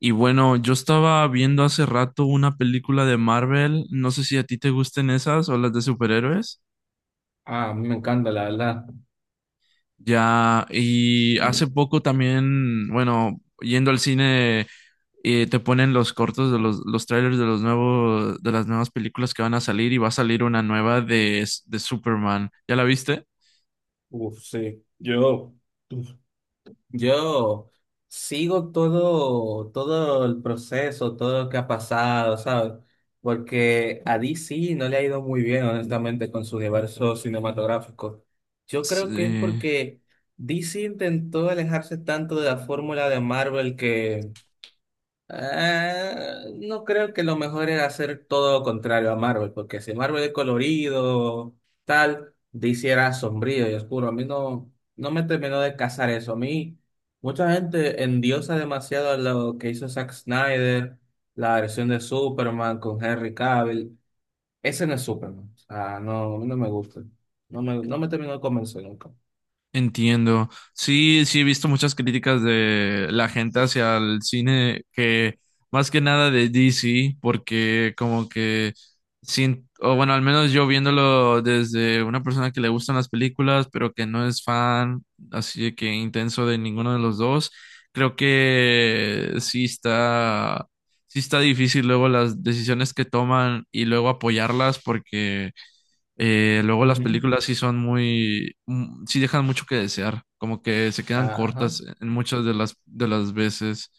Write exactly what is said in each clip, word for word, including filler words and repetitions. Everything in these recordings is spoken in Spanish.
Y bueno, yo estaba viendo hace rato una película de Marvel, no sé si a ti te gusten esas o las de superhéroes. Ah, a mí me encanta, la verdad. Ya, y hace poco también, bueno, yendo al cine, eh, te ponen los cortos de los, los trailers de los nuevos, de las nuevas películas que van a salir y va a salir una nueva de, de Superman. ¿Ya la viste? Uf, sí. Yo, uf, Yo sigo todo, todo el proceso, todo lo que ha pasado, ¿sabes? Porque a D C no le ha ido muy bien, honestamente, con su universo cinematográfico. Yo creo que es Sí. porque D C intentó alejarse tanto de la fórmula de Marvel que Ah, no creo que lo mejor era hacer todo lo contrario a Marvel, porque si Marvel es colorido, tal, D C era sombrío y oscuro. A mí no, no me terminó de casar eso. A mí, mucha gente endiosa demasiado a lo que hizo Zack Snyder, la versión de Superman con Henry Cavill. Ese no es Superman. O sea, no, a mí no me gusta. No me, no me terminó de convencer nunca. Entiendo. Sí, sí he visto muchas críticas de la gente hacia el cine que más que nada de D C, porque como que sin, o bueno, al menos yo viéndolo desde una persona que le gustan las películas, pero que no es fan, así de que intenso de ninguno de los dos, creo que sí está, sí está difícil luego las decisiones que toman y luego apoyarlas porque eh, luego las Ujú. películas sí son muy, mm, sí dejan mucho que desear, como que se quedan Ajá. cortas en muchas de las de las veces.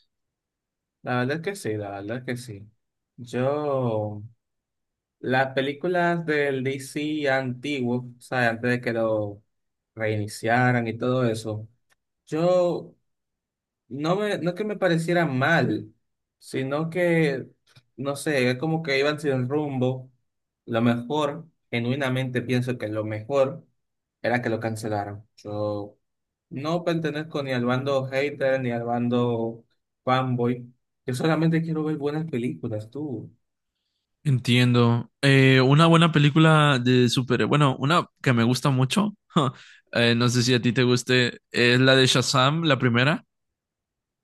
La verdad es que sí, la verdad es que sí. Yo. Las películas del D C antiguo, o sea, antes de que lo reiniciaran y todo eso, yo no me, no que me pareciera mal, sino que, no sé, es como que iban sin rumbo. Lo mejor, genuinamente pienso que lo mejor era que lo cancelaran. Yo no pertenezco ni al bando hater ni al bando fanboy. Yo solamente quiero ver buenas películas, tú. Entiendo. Eh, una buena película de super, bueno, una que me gusta mucho, eh, no sé si a ti te guste, es la de Shazam, la primera.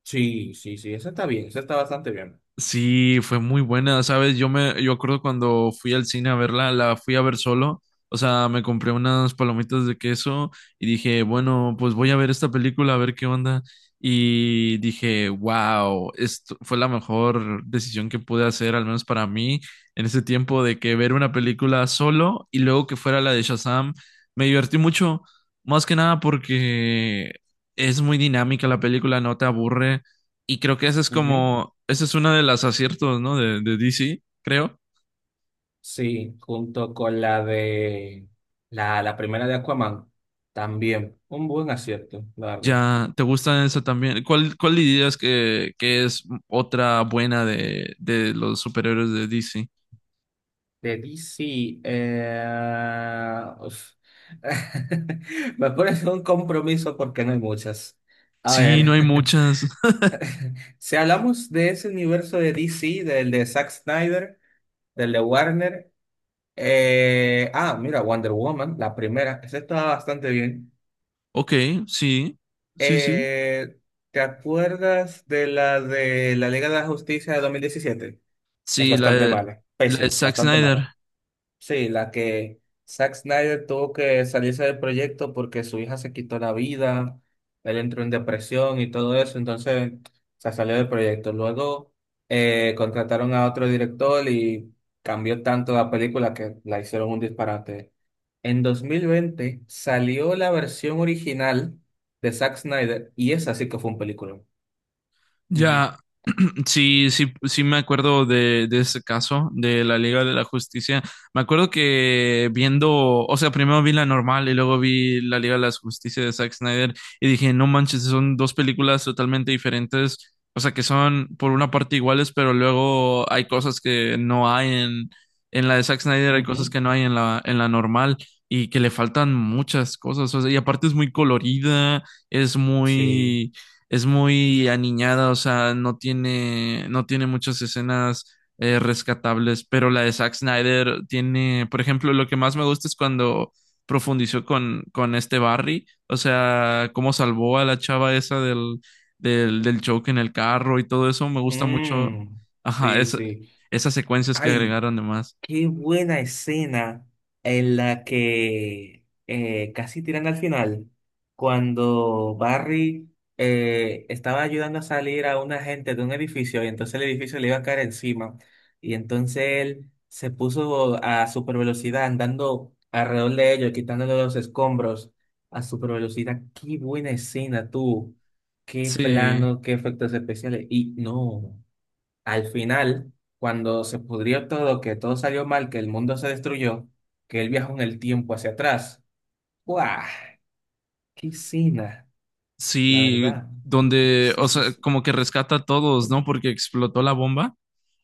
Sí, sí, sí, eso está bien, eso está bastante bien. Sí, fue muy buena, ¿sabes? Yo me, yo acuerdo cuando fui al cine a verla, la fui a ver solo, o sea, me compré unas palomitas de queso y dije, bueno, pues voy a ver esta película, a ver qué onda. Y dije, wow, esto fue la mejor decisión que pude hacer, al menos para mí, en ese tiempo de que ver una película solo y luego que fuera la de Shazam, me divertí mucho, más que nada porque es muy dinámica la película, no te aburre. Y creo que ese es Ujú. como, ese es uno de los aciertos, ¿no? De, de D C, creo. Sí, junto con la de la, la primera de Aquaman, también un buen acierto, la verdad. Ya, ¿te gusta esa también? ¿Cuál, cuál dirías que, que es otra buena de, de los superhéroes de D C? De D C, eh, uf. me pones en un compromiso porque no hay muchas. A Sí, no ver, hay muchas. si hablamos de ese universo de D C, del de Zack Snyder, del de Warner, eh, ah, mira, Wonder Woman, la primera, esa estaba bastante bien. Ok, sí, sí, sí. Eh, ¿te acuerdas de la de la Liga de la Justicia de dos mil diecisiete? Es Sí, la bastante de, mala, la de pésima, Zack bastante Snyder. mala. Sí, la que Zack Snyder tuvo que salirse del proyecto porque su hija se quitó la vida, él entró en depresión y todo eso, entonces se salió del proyecto. Luego eh, contrataron a otro director y cambió tanto la película que la hicieron un disparate. En dos mil veinte salió la versión original de Zack Snyder y esa sí que fue un película. Ujú, Ya, sí, sí, sí me acuerdo de, de ese caso de la Liga de la Justicia. Me acuerdo que viendo, o sea, primero vi la normal y luego vi la Liga de la Justicia de Zack Snyder y dije, no manches, son dos películas totalmente diferentes, o sea, que son por una parte iguales, pero luego hay cosas que no hay en, en la de Zack Snyder, hay cosas ujú, que no hay en la, en la normal y que le faltan muchas cosas, o sea, y aparte es muy colorida, es sí. muy es muy aniñada, o sea, no tiene, no tiene muchas escenas eh, rescatables, pero la de Zack Snyder tiene, por ejemplo, lo que más me gusta es cuando profundizó con, con este Barry, o sea, cómo salvó a la chava esa del, del, del choque en el carro y todo eso, me gusta mucho, Mm, ajá, sí, esa- sí. esas secuencias que Ay. agregaron además. Qué buena escena en la que eh, casi tiran al final, cuando Barry eh, estaba ayudando a salir a una gente de un edificio y entonces el edificio le iba a caer encima y entonces él se puso a super velocidad andando alrededor de ellos, quitándole los escombros a super velocidad. Qué buena escena tú, qué Sí, plano, qué efectos especiales y no. Al final, cuando se pudrió todo, que todo salió mal, que el mundo se destruyó, que él viajó en el tiempo hacia atrás. ¡Guau! ¡Qué cena! La sí, verdad. donde, Sí, o sí, sea, sí. como que rescata a todos, ¿no? Porque explotó la bomba.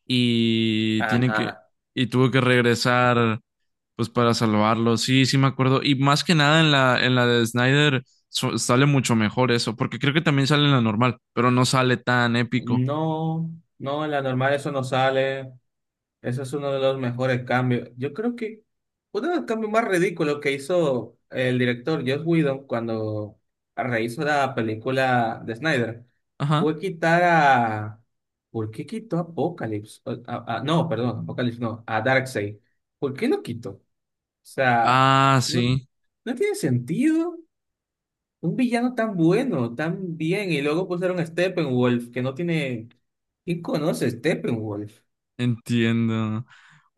y tiene que Ajá. y tuvo que regresar pues para salvarlo. Sí, sí me acuerdo y más que nada en la en la de Snyder so- sale mucho mejor eso, porque creo que también sale en la normal, pero no sale tan épico. No, no, en la normal eso no sale. Ese es uno de los mejores cambios. Yo creo que uno de los cambios más ridículos que hizo el director Joss Whedon cuando rehizo la película de Snyder Ajá. fue quitar a... ¿Por qué quitó a Apocalypse? O- a- a- no, perdón, Apocalypse no, a Darkseid. ¿Por qué lo quitó? O sea, Ah, no, sí, no tiene sentido un villano tan bueno, tan bien, y luego pusieron a Steppenwolf, que no tiene... ¿Quién conoce a Steppenwolf? entiendo.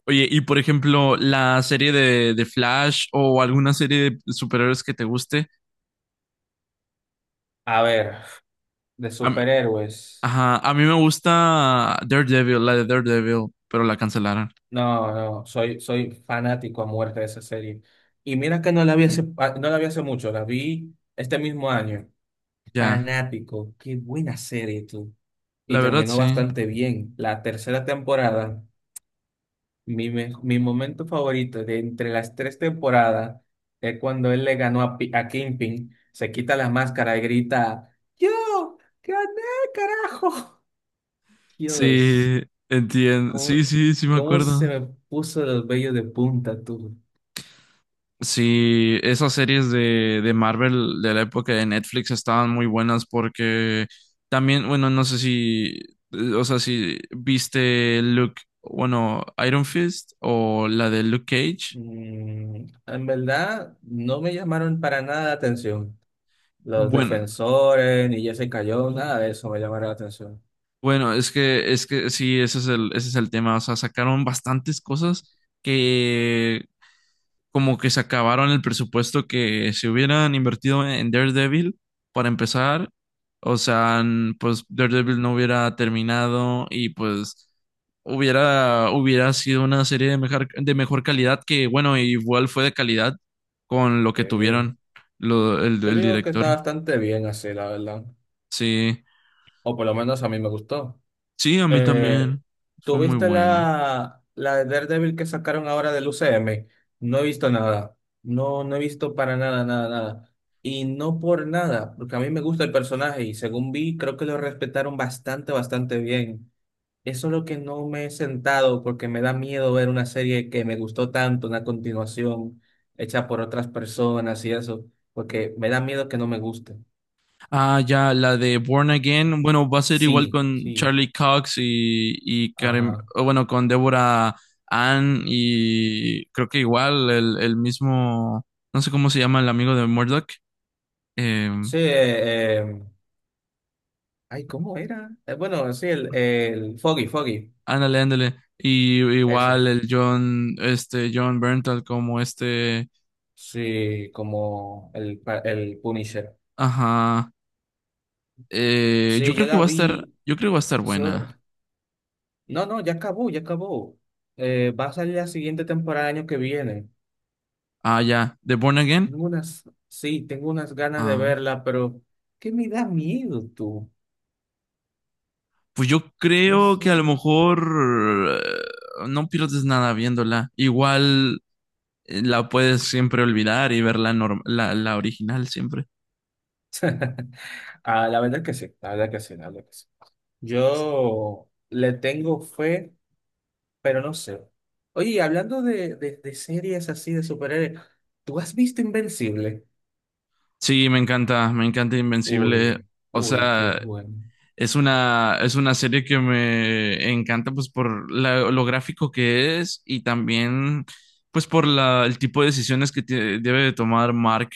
Oye, y por ejemplo, la serie de, de Flash o alguna serie de superhéroes que te guste. A ver. De A mí- superhéroes. ajá, a mí me gusta Daredevil, la de Daredevil, pero la cancelaron. No, no, soy, soy fanático a muerte de esa serie. Y mira que no la vi hace, ah, no la vi hace mucho, la vi este mismo año. Ya, Fanático, qué buena serie tú. Y la verdad terminó sí. bastante bien. La tercera temporada, mi, me- mi momento favorito de entre las tres temporadas es cuando él le ganó a, Pi- a Kingpin, se quita la máscara y grita, ¡Yo! ¡Gané, carajo! Dios. Sí, entiendo. ¿Cómo, Sí, sí, sí me cómo se acuerdo. me puso los vellos de punta tú? Sí, esas series de, de Marvel de la época de Netflix estaban muy buenas porque también, bueno, no sé si, eh, o sea, si viste Luke, bueno, Iron Fist o la de Luke Cage. Mm, en verdad, no me llamaron para nada la atención. Los Bueno, defensores, ni Jesse Cayó, nada de eso me llamaron la atención. bueno, es que, es que sí, ese es el, ese es el tema. O sea, sacaron bastantes cosas que como que se acabaron el presupuesto que se hubieran invertido en Daredevil para empezar. O sea, n- pues Daredevil no hubiera terminado y pues hubiera, hubiera sido una serie de mejor, de mejor calidad que, bueno, igual fue de calidad con lo que Sí. tuvieron lo- el, Yo el digo que está director. bastante bien así, la verdad. Sí, O por lo menos a mí me gustó. sí, a mí Eh, también. ¿tú Fue muy viste buena. la, la, de Daredevil que sacaron ahora del U C M? No he visto nada. No, no he visto para nada, nada, nada. Y no por nada, porque a mí me gusta el personaje y según vi, creo que lo respetaron bastante, bastante bien. Eso es lo que no me he sentado porque me da miedo ver una serie que me gustó tanto, una continuación hecha por otras personas y eso, porque me da miedo que no me guste. Ah, ya, la de Born Again, bueno, va a ser igual Sí, con sí, Charlie Cox y, y Karen, ajá. o bueno, con Deborah Ann y creo que igual el, el mismo, no sé cómo se llama el amigo de Murdoch, eh, Sí, eh, eh, Ay, ¿cómo era? Eh, bueno, sí, el, el Foggy, Foggy, ándale, ándale, y ese. igual el John, este, John Bernthal como este, Sí, como el, pa- el Punisher. ajá, eh, yo Sí, yo creo que la va a estar, vi. yo creo que va a estar Yo. buena. No, no, ya acabó, ya acabó. Eh, va a salir la siguiente temporada el año que viene. Ah, ya, de Born Again, Tengo unas, sí, tengo unas ganas de ah. verla, pero ¿qué me da miedo tú? Pues yo No creo sé. que a lo mejor eh, no pierdes nada viéndola. Igual eh, la puedes siempre olvidar y ver la, norm- la, la original siempre. Ah, la verdad que sí, la verdad que sí, la verdad que sí. Yo le tengo fe. Pero no sé. Oye, y hablando de, de, de series así de superhéroes, ¿tú has visto Invencible? Sí, me encanta, me encanta Invencible. Uy, O uy, qué sea, bueno. es una, es una serie que me encanta pues por la- lo gráfico que es y también pues por la, el tipo de decisiones que tie- debe de tomar Mark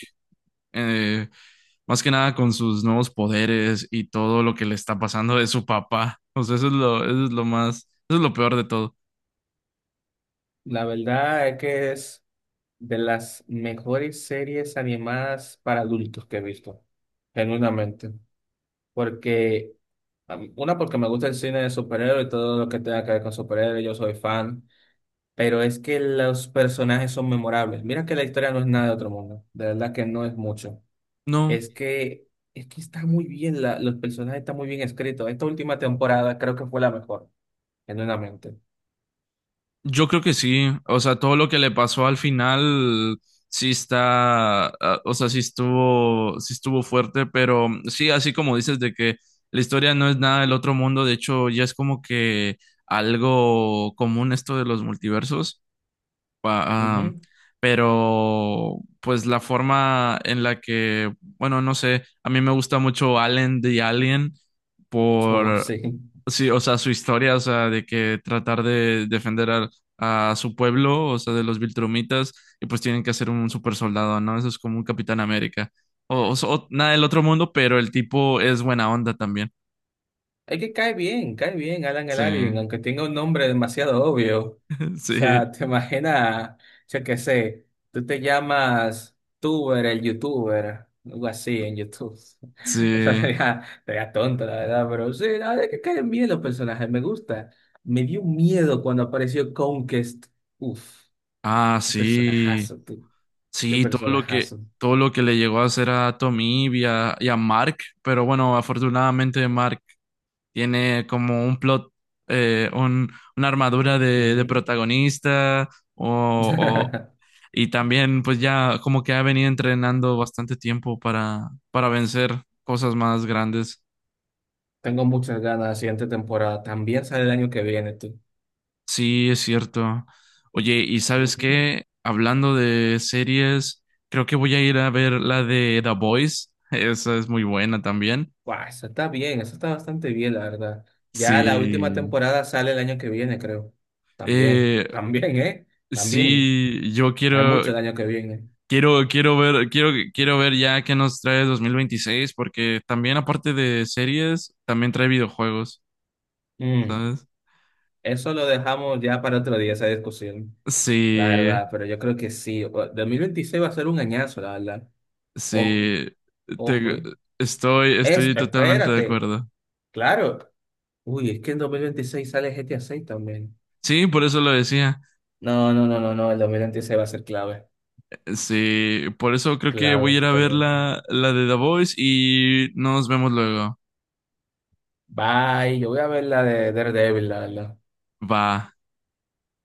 eh, más que nada con sus nuevos poderes y todo lo que le está pasando de su papá. O sea, eso es lo, eso es lo más, eso es lo peor de todo. La verdad es que es de las mejores series animadas para adultos que he visto, genuinamente. Porque, a una, porque me gusta el cine de superhéroes y todo lo que tenga que ver con superhéroes, yo soy fan. Pero es que los personajes son memorables. Mira que la historia no es nada de otro mundo. De verdad que no es mucho. No, Es que, es que está muy bien, la- los personajes están muy bien escritos. Esta última temporada creo que fue la mejor, genuinamente. yo creo que sí. O sea, todo lo que le pasó al final sí está, ah, o sea, sí estuvo, sí estuvo fuerte, pero sí, así como dices de que la historia no es nada del otro mundo, de hecho, ya es como que algo común esto de los multiversos. pa- am, Ujú. pero pues la forma en la que, bueno, no sé, a mí me gusta mucho Allen the Alien So, por, sí. sí, o sea, su historia, o sea, de que tratar de defender al- a, su pueblo, o sea, de los Viltrumitas, y pues tienen que hacer un super soldado, ¿no? Eso es como un Capitán América. O, o, so, o- nada del otro mundo, pero el tipo es buena onda también. Es que cae bien, cae bien Alan el Sí, Alien, aunque tenga un nombre demasiado obvio. O sí, sea, te imaginas, yo qué sé, tú te llamas Tuber, el YouTuber, algo así en YouTube. Eso sí. sería, sería tonto, la verdad, pero sí, la verdad es que caen bien los personajes, me gusta. Me dio miedo cuando apareció Conquest. Uf. Ah, Qué sí. personajazo, tú. Qué Sí, todo lo que, personajazo. todo lo que le llegó a hacer a Tommy y a, y a Mark, pero bueno, afortunadamente Mark tiene como un plot, eh, un, una armadura de, de Ujú. protagonista, o, o- y también pues ya como que ha venido entrenando bastante tiempo para, para vencer cosas más grandes. Tengo muchas ganas de la siguiente temporada. También sale el año que viene, tú. Sí, es cierto. Oye, ¿y sabes Ujú. qué? Hablando de series, creo que voy a ir a ver la de The Boys. Esa es muy buena también. Guau, eso está bien, eso está bastante bien, la verdad. Ya la última Sí, temporada sale el año que viene, creo. También, eh, también, ¿eh? También. sí, yo Hay quiero, mucho el año que viene. quiero, quiero ver, quiero, quiero ver ya qué nos trae dos mil veintiséis, porque también aparte de series, también trae videojuegos, Mm, ¿sabes? Eso lo dejamos ya para otro día, esa discusión, la Sí, verdad. Pero yo creo que sí. O- dos mil veintiséis va a ser un añazo, la verdad. Ojo, sí, ojo, te- ¿eh? estoy, Es, estoy totalmente de espérate, acuerdo. claro. Uy, es que en dos mil veintiséis sale G T A seis también. Sí, por eso lo decía. No, no, no, no, no, el dos mil veintiséis va a ser clave. Sí, por eso creo que voy Clave, a ir a ver totalmente. la, la de The Voice y nos vemos luego. Bye, yo voy a ver la de Daredevil, la verdad. Va.